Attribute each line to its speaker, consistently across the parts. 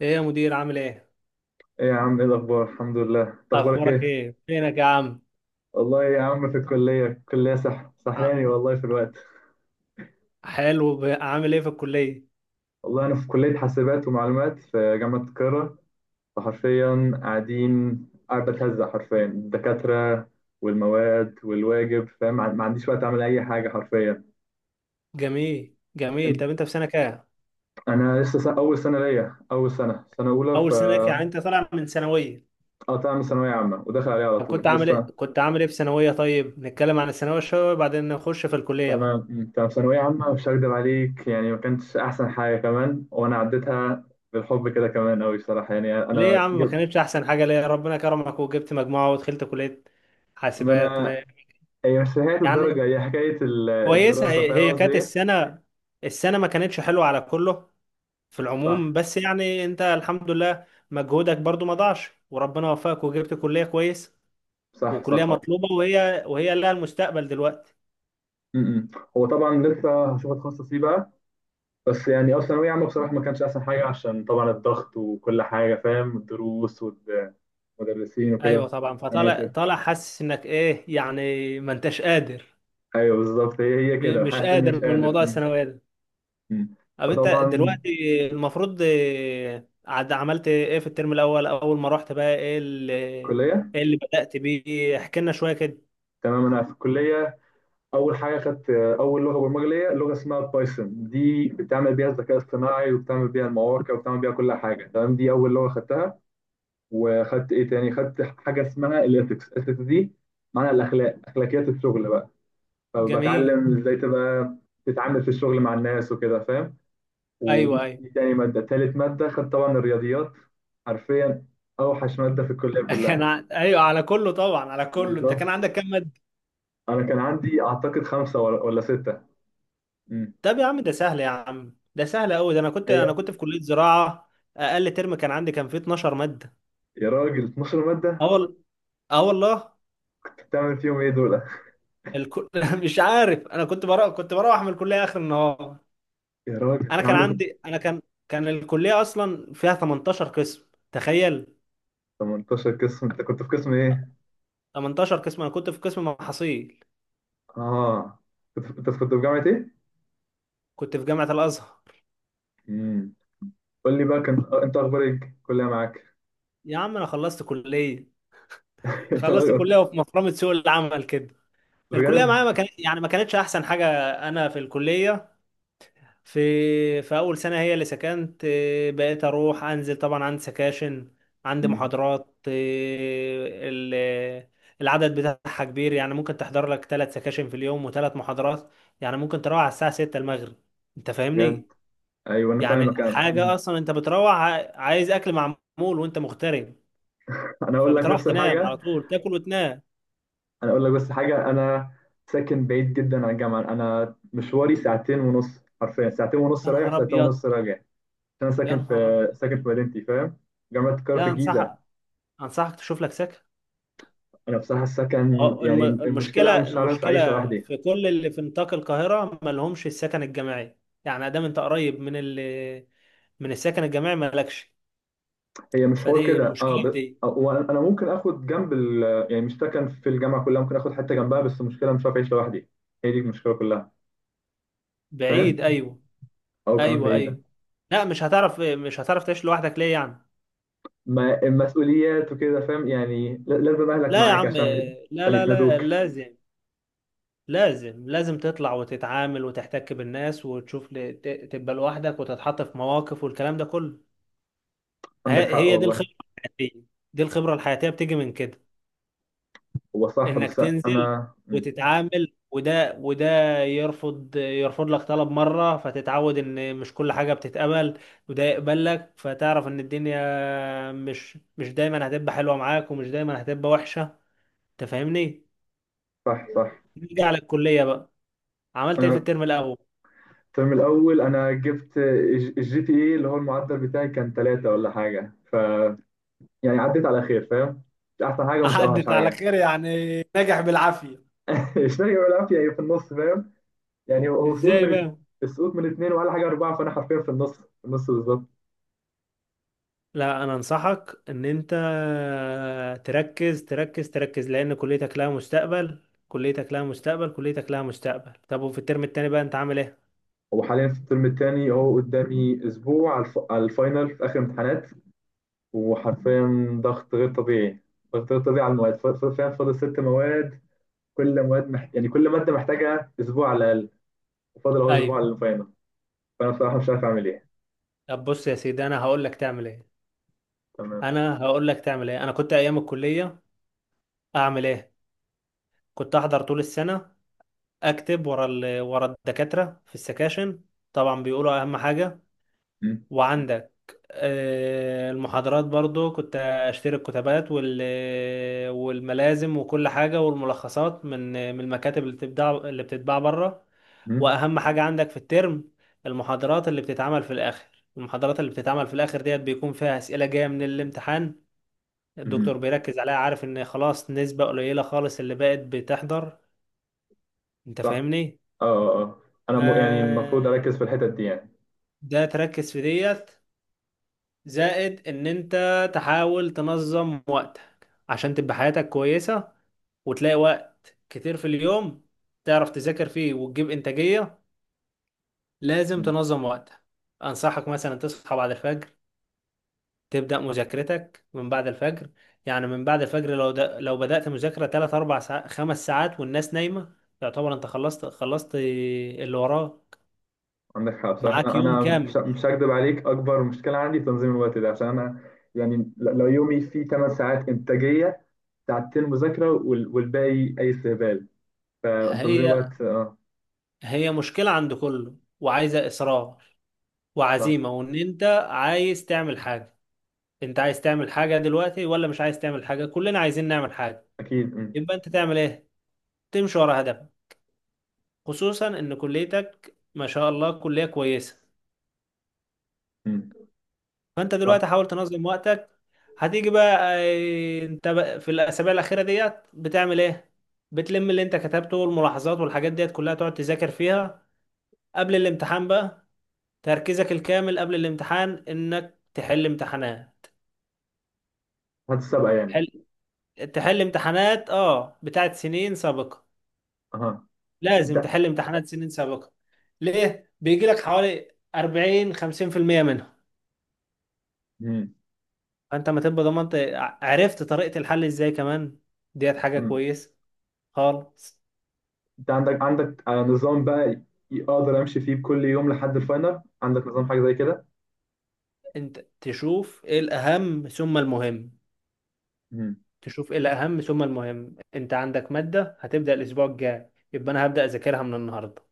Speaker 1: ايه يا مدير، عامل ايه؟
Speaker 2: ايه يا عم، ايه الاخبار؟ الحمد لله. انت اخبارك
Speaker 1: اخبارك
Speaker 2: ايه؟
Speaker 1: ايه؟ فينك يا عم؟
Speaker 2: والله يا عم في الكليه سح
Speaker 1: عم-
Speaker 2: سحلاني والله في الوقت.
Speaker 1: حلو. عامل ايه في الكليه؟
Speaker 2: والله انا في كليه حاسبات ومعلومات في جامعه القاهره. فحرفيا قاعد بتهزق حرفيا الدكاتره والمواد والواجب، فاهم؟ ما عنديش وقت اعمل اي حاجه حرفيا.
Speaker 1: جميل، جميل. طب انت في سنه كام؟
Speaker 2: انا لسه سنة، اول سنه ليا اول سنه سنه اولى
Speaker 1: اول سنه ليك، يعني
Speaker 2: فقطعت
Speaker 1: انت طالع من ثانويه؟
Speaker 2: من ثانويه عامه وداخل عليها على
Speaker 1: طب
Speaker 2: طول لسه.
Speaker 1: كنت عامل ايه في ثانويه؟ طيب نتكلم عن الثانويه شويه وبعدين نخش في الكليه بقى.
Speaker 2: تمام. مم. طب ثانوية عامة مش هكدب عليك، يعني ما كانتش أحسن حاجة، كمان وأنا عديتها بالحب كده كمان أوي صراحة، يعني
Speaker 1: ليه يا
Speaker 2: أنا
Speaker 1: عم ما
Speaker 2: جبت.
Speaker 1: كانتش احسن حاجه؟ ليه؟ ربنا كرمك وجبت مجموعه ودخلت كليه
Speaker 2: ما
Speaker 1: حاسبات ما.
Speaker 2: أنا هي مش حكاية
Speaker 1: يعني
Speaker 2: الدرجة، هي حكاية ال-
Speaker 1: كويسه.
Speaker 2: الدراسة
Speaker 1: هي
Speaker 2: فاهم
Speaker 1: هي
Speaker 2: قصدي
Speaker 1: كانت
Speaker 2: إيه؟
Speaker 1: السنه، ما كانتش حلوه على كله في العموم.
Speaker 2: صح،
Speaker 1: بس يعني انت الحمد لله مجهودك برضو ما ضاعش وربنا وفقك وجبت كلية كويس.
Speaker 2: صح،
Speaker 1: وكلية
Speaker 2: صح.
Speaker 1: مطلوبة، وهي لها المستقبل دلوقتي.
Speaker 2: م-م. هو طبعا لسه هشوف أتخصص إيه بقى. بس يعني أه، ثانوية عامة بصراحة ما كانتش أحسن حاجة عشان طبعا الضغط وكل حاجة، فاهم؟ الدروس والمدرسين
Speaker 1: ايوه
Speaker 2: وكده
Speaker 1: طبعا. فطالع
Speaker 2: والسناتر.
Speaker 1: طالع حاسس انك ايه، يعني ما انتش قادر.
Speaker 2: أيوه بالظبط. هي كده
Speaker 1: مش
Speaker 2: حاسس إني مش
Speaker 1: قادر من
Speaker 2: قادر.
Speaker 1: موضوع الثانوية ده.
Speaker 2: م-م.
Speaker 1: طب انت
Speaker 2: فطبعا،
Speaker 1: دلوقتي المفروض، عملت ايه في الترم الاول اول ما رحت بقى؟ ايه اللي،
Speaker 2: كلية،
Speaker 1: بدأت بيه؟ احكي لنا شوية كده.
Speaker 2: تمام انا في الكليه، اول حاجه خدت اول لغه برمجه ليا، لغه اسمها بايثون. دي بتعمل بيها الذكاء الاصطناعي وبتعمل بيها المواقع وبتعمل بيها كل حاجه، تمام. دي اول لغه خدتها. وخدت ايه تاني، خدت حاجه اسمها الاثكس. الاثكس دي معناها الاخلاق، اخلاقيات الشغل بقى.
Speaker 1: جميل.
Speaker 2: فبتعلم ازاي تبقى تتعامل في الشغل مع الناس وكده، فاهم.
Speaker 1: ايوه،
Speaker 2: ودي
Speaker 1: ايوه.
Speaker 2: دي تاني ماده، تالت ماده خدت طبعا الرياضيات، حرفيا اوحش ماده في الكليه كلها.
Speaker 1: ايوه، على كله طبعا. على كله انت
Speaker 2: بالظبط.
Speaker 1: كان عندك كام؟
Speaker 2: انا كان عندي اعتقد خمسه ولا سته. مم.
Speaker 1: طب يا عم ده سهل، يا عم ده سهل قوي. ده انا كنت،
Speaker 2: هي
Speaker 1: في كلية زراعة. اقل ترم كان عندي، فيه 12 مادة.
Speaker 2: يا راجل 12 مادة!
Speaker 1: اه وال- اه والله.
Speaker 2: بتعمل فيهم ايه دول؟
Speaker 1: الكل... مش عارف. انا كنت بروح، من الكلية اخر النهار.
Speaker 2: يا راجل
Speaker 1: انا
Speaker 2: كان
Speaker 1: كان
Speaker 2: عندك
Speaker 1: عندي، انا كان الكلية اصلا فيها 18 قسم. تخيل!
Speaker 2: 18 قسم! انت كنت في قسم ايه؟
Speaker 1: 18 قسم. انا كنت في قسم محاصيل.
Speaker 2: اه، انت كنت في جامعة ايه؟
Speaker 1: كنت في جامعة الازهر.
Speaker 2: امم. قول لي بقى، كان انت اخبار ايه، الكلية معاك؟
Speaker 1: يا عم انا خلصت كلية.
Speaker 2: يا
Speaker 1: خلصت
Speaker 2: راجل!
Speaker 1: كلية، وفي مفرمة سوق العمل كده. الكلية
Speaker 2: بجد؟
Speaker 1: معايا ما كانت، يعني ما كانتش احسن حاجة. انا في الكلية، في اول سنه هي اللي سكنت. بقيت اروح انزل، طبعا عندي سكاشن، عندي
Speaker 2: مم.
Speaker 1: محاضرات. العدد بتاعها كبير. يعني ممكن تحضر لك ثلاث سكاشن في اليوم وثلاث محاضرات. يعني ممكن تروح على الساعه 6 المغرب. انت
Speaker 2: بجد.
Speaker 1: فاهمني؟
Speaker 2: ايوه انا
Speaker 1: يعني
Speaker 2: فاهمك. انا
Speaker 1: حاجه
Speaker 2: مم.
Speaker 1: اصلا انت بتروح عايز اكل معمول، وانت مغترب.
Speaker 2: انا اقول لك
Speaker 1: فبتروح
Speaker 2: نفس
Speaker 1: تنام
Speaker 2: الحاجة.
Speaker 1: على طول، تاكل وتنام.
Speaker 2: انا اقول لك بس حاجة، انا ساكن بعيد جدا عن الجامعة. انا مشواري ساعتين ونص، حرفيا ساعتين ونص
Speaker 1: يا
Speaker 2: رايح
Speaker 1: نهار
Speaker 2: ساعتين
Speaker 1: ابيض!
Speaker 2: ونص راجع، عشان انا
Speaker 1: يا
Speaker 2: ساكن
Speaker 1: نهار
Speaker 2: في
Speaker 1: ابيض!
Speaker 2: مدينتي فاهم؟ جامعة القاهرة في
Speaker 1: لا،
Speaker 2: الجيزة.
Speaker 1: انصحك، تشوف لك سكن.
Speaker 2: انا بصراحه السكن
Speaker 1: اه.
Speaker 2: يعني المشكله انا مش عارف
Speaker 1: المشكلة
Speaker 2: اعيش لوحدي.
Speaker 1: في كل اللي في نطاق القاهرة ما لهمش السكن الجماعي. يعني ادام انت قريب من ال، السكن الجماعي ما لكش.
Speaker 2: هي مش حوار
Speaker 1: فدي
Speaker 2: كده اه،
Speaker 1: المشكلة في
Speaker 2: ب...
Speaker 1: دي.
Speaker 2: وانا انا ممكن اخد جنب ال، يعني مش سكن في الجامعه كلها، ممكن اخد حته جنبها بس المشكله مش عارف اعيش لوحدي. هي دي المشكله كلها. فاهم،
Speaker 1: بعيد. ايوه،
Speaker 2: او كمان
Speaker 1: ايوه.
Speaker 2: بعيده.
Speaker 1: ايوه. لا، مش هتعرف، تعيش لوحدك. ليه يعني؟
Speaker 2: ما المسؤوليات وكده، فاهم؟ يعني لازم اهلك
Speaker 1: لا يا
Speaker 2: معاك
Speaker 1: عم.
Speaker 2: عشان
Speaker 1: لا،
Speaker 2: عشان
Speaker 1: لا، لا.
Speaker 2: يسندوك.
Speaker 1: لازم، لازم، لازم تطلع وتتعامل وتحتك بالناس، وتشوف، تبقى لوحدك وتتحط في مواقف والكلام ده كله.
Speaker 2: عندك حق
Speaker 1: هي دي
Speaker 2: والله.
Speaker 1: الخبرة الحياتية. دي الخبرة الحياتية بتيجي من كده،
Speaker 2: هو صح
Speaker 1: انك
Speaker 2: بس.
Speaker 1: تنزل
Speaker 2: انا مم.
Speaker 1: وتتعامل. وده يرفض، لك طلب مرة، فتتعود ان مش كل حاجة بتتقبل. وده يقبل لك، فتعرف ان الدنيا مش، دايما هتبقى حلوة معاك، ومش دايما هتبقى وحشة. انت فاهمني؟
Speaker 2: صح، صح.
Speaker 1: نيجي على الكلية بقى. عملت ايه في
Speaker 2: انا
Speaker 1: الترم الاول؟
Speaker 2: الترم الاول انا جبت الجي تي اي اللي هو المعدل بتاعي كان ثلاثة ولا حاجه، ف يعني عديت على خير، فاهم. مش احسن حاجه ومش اوحش
Speaker 1: عدت على
Speaker 2: حاجه.
Speaker 1: خير، يعني نجح بالعافية.
Speaker 2: الشهي والعافيه هي في النص، فاهم؟ يعني هو سقوط
Speaker 1: ازاي
Speaker 2: من،
Speaker 1: بقى؟
Speaker 2: السقوط من اتنين ولا حاجه اربعه، فانا حرفيا في النص، في النص بالظبط.
Speaker 1: لا، انا انصحك ان انت تركز، تركز، تركز، لان كليتك لها مستقبل. كليتك لها مستقبل. كليتك لها مستقبل. طب وفي الترم التاني بقى، انت عامل ايه؟
Speaker 2: وحاليا في الترم الثاني اهو، قدامي اسبوع على الفاينل في اخر امتحانات. وحرفيا ضغط غير طبيعي، ضغط غير طبيعي على المواد، فاهم؟ فاضل ست مواد. يعني كل ماده محتاجه اسبوع على الاقل، وفاضل اهو اسبوع على
Speaker 1: ايوه.
Speaker 2: الفاينل. فانا بصراحه مش عارف اعمل ايه.
Speaker 1: طب بص يا سيدي، انا هقول لك تعمل ايه.
Speaker 2: تمام.
Speaker 1: انا هقول لك تعمل ايه. انا كنت ايام الكليه. اعمل ايه؟ كنت احضر طول السنه، اكتب ورا الدكاتره في السكاشن. طبعا بيقولوا اهم حاجه.
Speaker 2: م-
Speaker 1: وعندك المحاضرات برضو كنت اشتري الكتابات والملازم وكل حاجة، والملخصات من، المكاتب اللي بتتباع، بره.
Speaker 2: م-
Speaker 1: واهم حاجة عندك في الترم المحاضرات اللي بتتعمل في الاخر. ديت بيكون فيها اسئلة جاية من الامتحان. الدكتور
Speaker 2: م-
Speaker 1: بيركز عليها، عارف ان خلاص نسبة قليلة خالص اللي بقت بتحضر. انت
Speaker 2: صح.
Speaker 1: فاهمني؟
Speaker 2: اه، اه، آه. انا يعني المفروض
Speaker 1: آه،
Speaker 2: اركز في الحتت دي يعني.
Speaker 1: ده تركز في ديت، زائد ان انت تحاول تنظم وقتك عشان تبقى حياتك كويسة، وتلاقي وقت كتير في اليوم تعرف تذاكر فيه وتجيب انتاجية. لازم
Speaker 2: مم.
Speaker 1: تنظم وقتك. انصحك مثلا تصحى بعد الفجر، تبدأ مذاكرتك من بعد الفجر. يعني من بعد الفجر، لو بدأت مذاكرة 3 4 ساعات 5 ساعات والناس نايمة، يعتبر انت خلصت. اللي وراك.
Speaker 2: عندك حق بصراحه.
Speaker 1: معاك
Speaker 2: انا
Speaker 1: يوم
Speaker 2: انا مش
Speaker 1: كامل.
Speaker 2: مش هكدب عليك، اكبر مشكله عندي تنظيم الوقت ده. عشان انا يعني لو يومي فيه 8 ساعات انتاجيه، ساعتين مذاكره والباقي اي استهبال. فتنظيم
Speaker 1: هي
Speaker 2: الوقت اه.
Speaker 1: هي مشكلة عند كله، وعايزة إصرار
Speaker 2: صح.
Speaker 1: وعزيمة، وان انت عايز تعمل حاجة. انت عايز تعمل حاجة دلوقتي ولا مش عايز تعمل حاجة؟ كلنا عايزين نعمل حاجة.
Speaker 2: اكيد، مم.
Speaker 1: يبقى انت تعمل ايه؟ تمشي ورا هدفك، خصوصا ان كليتك ما شاء الله كلية كويسة.
Speaker 2: مم.
Speaker 1: فانت
Speaker 2: صح.
Speaker 1: دلوقتي حاول تنظم وقتك. هتيجي بقى، انت بقى في الاسابيع الاخيرة ديت بتعمل ايه؟ بتلم اللي انت كتبته والملاحظات والحاجات ديت كلها تقعد تذاكر فيها قبل الامتحان بقى. تركيزك الكامل قبل الامتحان انك تحل امتحانات.
Speaker 2: هتسابقه يعني.
Speaker 1: تحل امتحانات بتاعت سنين سابقة.
Speaker 2: اها.
Speaker 1: لازم
Speaker 2: انت
Speaker 1: تحل امتحانات سنين سابقة. ليه؟ بيجي لك حوالي 40 50% منها.
Speaker 2: مم.
Speaker 1: فانت ما تبقى ضمنت، عرفت طريقة الحل ازاي كمان. ديت حاجة
Speaker 2: مم.
Speaker 1: كويسة خالص.
Speaker 2: انت عندك آه، نظام بقى، اقدر امشي فيه كل يوم لحد الفاينل؟ عندك نظام حاجه زي كده؟
Speaker 1: انت تشوف ايه الأهم ثم المهم.
Speaker 2: مم.
Speaker 1: تشوف ايه الأهم ثم المهم. انت عندك مادة هتبدأ الأسبوع الجاي، يبقى انا هبدأ أذاكرها من النهاردة،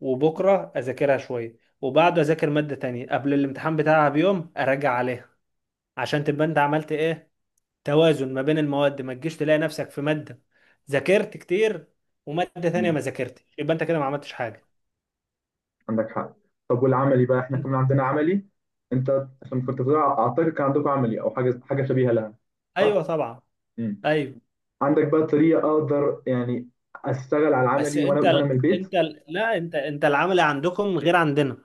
Speaker 1: وبكرة أذاكرها شوية، وبعده أذاكر مادة تانية. قبل الامتحان بتاعها بيوم أراجع عليها، عشان تبقى انت عملت ايه؟ توازن ما بين المواد. ما تجيش تلاقي نفسك في مادة ذاكرت كتير، ومادة تانية
Speaker 2: مم.
Speaker 1: ما ذاكرتش، يبقى انت كده ما عملتش حاجة.
Speaker 2: عندك حق. طب والعملي بقى احنا كمان عندنا عملي. انت عشان كنت بتقول اعتقد كان عندكم عملي او حاجه شبيهه لها،
Speaker 1: ايوه
Speaker 2: صح؟
Speaker 1: طبعا.
Speaker 2: امم.
Speaker 1: ايوه.
Speaker 2: عندك بقى طريقه اقدر يعني اشتغل على
Speaker 1: بس
Speaker 2: العملي وانا وانا من البيت؟
Speaker 1: لا، انت العمل عندكم غير عندنا.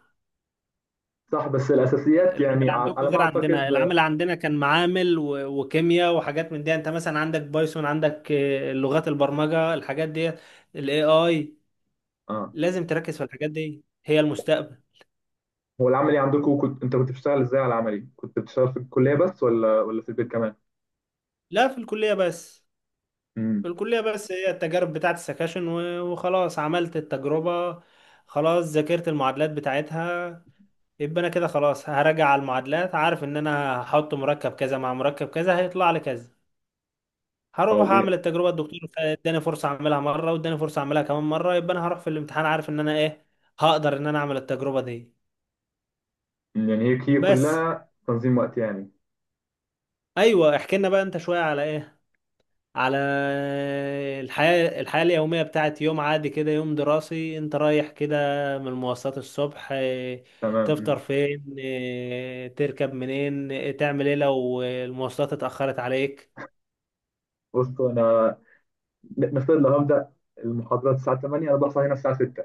Speaker 2: صح بس الاساسيات يعني، ع- على ما اعتقد.
Speaker 1: العمل عندنا كان معامل وكيمياء وحاجات من دي. انت مثلا عندك بايثون، عندك لغات البرمجة، الحاجات دي، الاي اي.
Speaker 2: اه.
Speaker 1: لازم تركز في الحاجات دي، هي المستقبل.
Speaker 2: هو العملي عندكم، انت كنت بتشتغل ازاي على العملي؟ كنت بتشتغل في الكليه بس ولا في البيت كمان؟
Speaker 1: لا، في الكلية بس. في
Speaker 2: امم.
Speaker 1: الكلية بس. هي التجارب بتاعت السكاشن وخلاص. عملت التجربة خلاص، ذاكرت المعادلات بتاعتها، يبقى انا كده خلاص هراجع على المعادلات، عارف ان انا هحط مركب كذا مع مركب كذا هيطلع لي كذا. هروح
Speaker 2: او إيه؟
Speaker 1: اعمل التجربة. الدكتور اداني فرصة اعملها مرة، واداني فرصة اعملها كمان مرة، يبقى انا هروح في الامتحان عارف ان انا ايه، هقدر ان انا اعمل التجربة دي.
Speaker 2: يعني هي
Speaker 1: بس.
Speaker 2: كلها تنظيم وقت يعني.
Speaker 1: ايوه، احكي لنا بقى انت شوية. على ايه؟ على الحياة اليومية بتاعت يوم عادي كده، يوم دراسي انت رايح كده من المواصلات الصبح. اه،
Speaker 2: تمام. مم.
Speaker 1: تفطر فين؟ اه، تركب منين؟ اه، تعمل ايه لو المواصلات اتأخرت عليك؟
Speaker 2: بصوا انا نفترض لو هبدا المحاضرات الساعه 8، انا بصحى هنا الساعه 6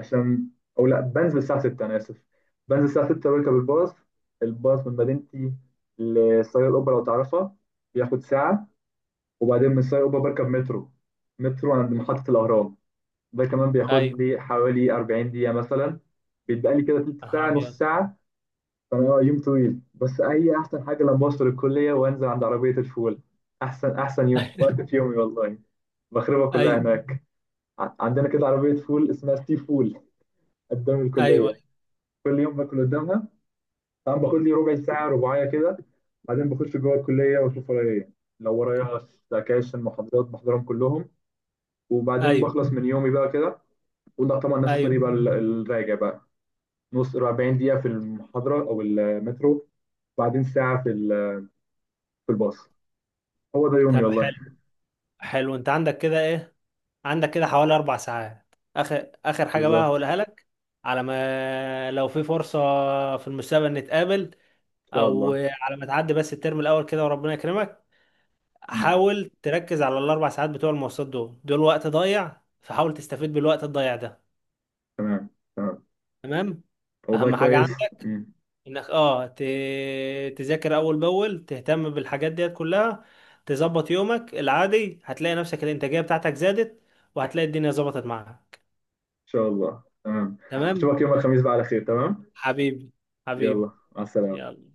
Speaker 2: عشان، او لا، بنزل الساعه 6. انا اسف، بنزل الساعه 6 بركب الباص. الباص من مدينتي لسرايا القبه لو تعرفها، بياخد ساعه. وبعدين من سرايا القبه بركب مترو، مترو عند محطه الاهرام، ده كمان بياخد
Speaker 1: ايوه.
Speaker 2: لي حوالي 40 دقيقه مثلا. بيتبقى لي كده تلت
Speaker 1: يا نهار
Speaker 2: ساعه، نص
Speaker 1: ابيض!
Speaker 2: ساعه. فانا آه، يوم طويل. بس هي احسن حاجه لما بوصل الكليه وانزل عند عربيه الفول، احسن احسن يوم وقت في يومي والله. بخربها كلها
Speaker 1: ايوه،
Speaker 2: هناك. عندنا كده عربيه فول اسمها سي فول قدام
Speaker 1: ايوه،
Speaker 2: الكليه، كل يوم باكل قدامها. طبعا باخد لي ربع ساعه رباعيه كده، بعدين بخش جوه الكليه واشوف ورايا ايه. لو ورايا سكاشن محاضرات بحضرهم كلهم، وبعدين
Speaker 1: ايوه،
Speaker 2: بخلص من يومي بقى كده. وده طبعا نفس الطريق بقى،
Speaker 1: ايوه.
Speaker 2: الراجع بقى، نص 40 دقيقه في المحاضره او المترو، بعدين ساعه في في الباص. هو ده يومي
Speaker 1: طب
Speaker 2: والله.
Speaker 1: حلو. حلو. انت عندك كده ايه؟ عندك كده حوالي 4 ساعات. اخر اخر حاجه بقى
Speaker 2: بالظبط.
Speaker 1: هقولها لك، على ما، لو في فرصه في المستقبل، نتقابل،
Speaker 2: ان شاء
Speaker 1: او
Speaker 2: الله.
Speaker 1: على ما تعدي بس الترم الاول كده وربنا يكرمك.
Speaker 2: مم.
Speaker 1: حاول تركز على ال4 ساعات بتوع المواصلات. دول دول وقت ضايع، فحاول تستفيد بالوقت الضايع ده.
Speaker 2: تمام. تمام.
Speaker 1: تمام.
Speaker 2: والله
Speaker 1: اهم حاجه
Speaker 2: كويس. مم.
Speaker 1: عندك
Speaker 2: ان
Speaker 1: انك، تذاكر اول باول، تهتم بالحاجات ديت كلها، تظبط يومك العادي، هتلاقي نفسك الانتاجيه بتاعتك زادت، وهتلاقي الدنيا ظبطت معاك.
Speaker 2: شاء الله. تمام.
Speaker 1: تمام.
Speaker 2: اشوفك يوم الخميس بقى على خير. تمام.
Speaker 1: حبيبي.
Speaker 2: يلا
Speaker 1: حبيبي.
Speaker 2: مع السلامه.
Speaker 1: يلا.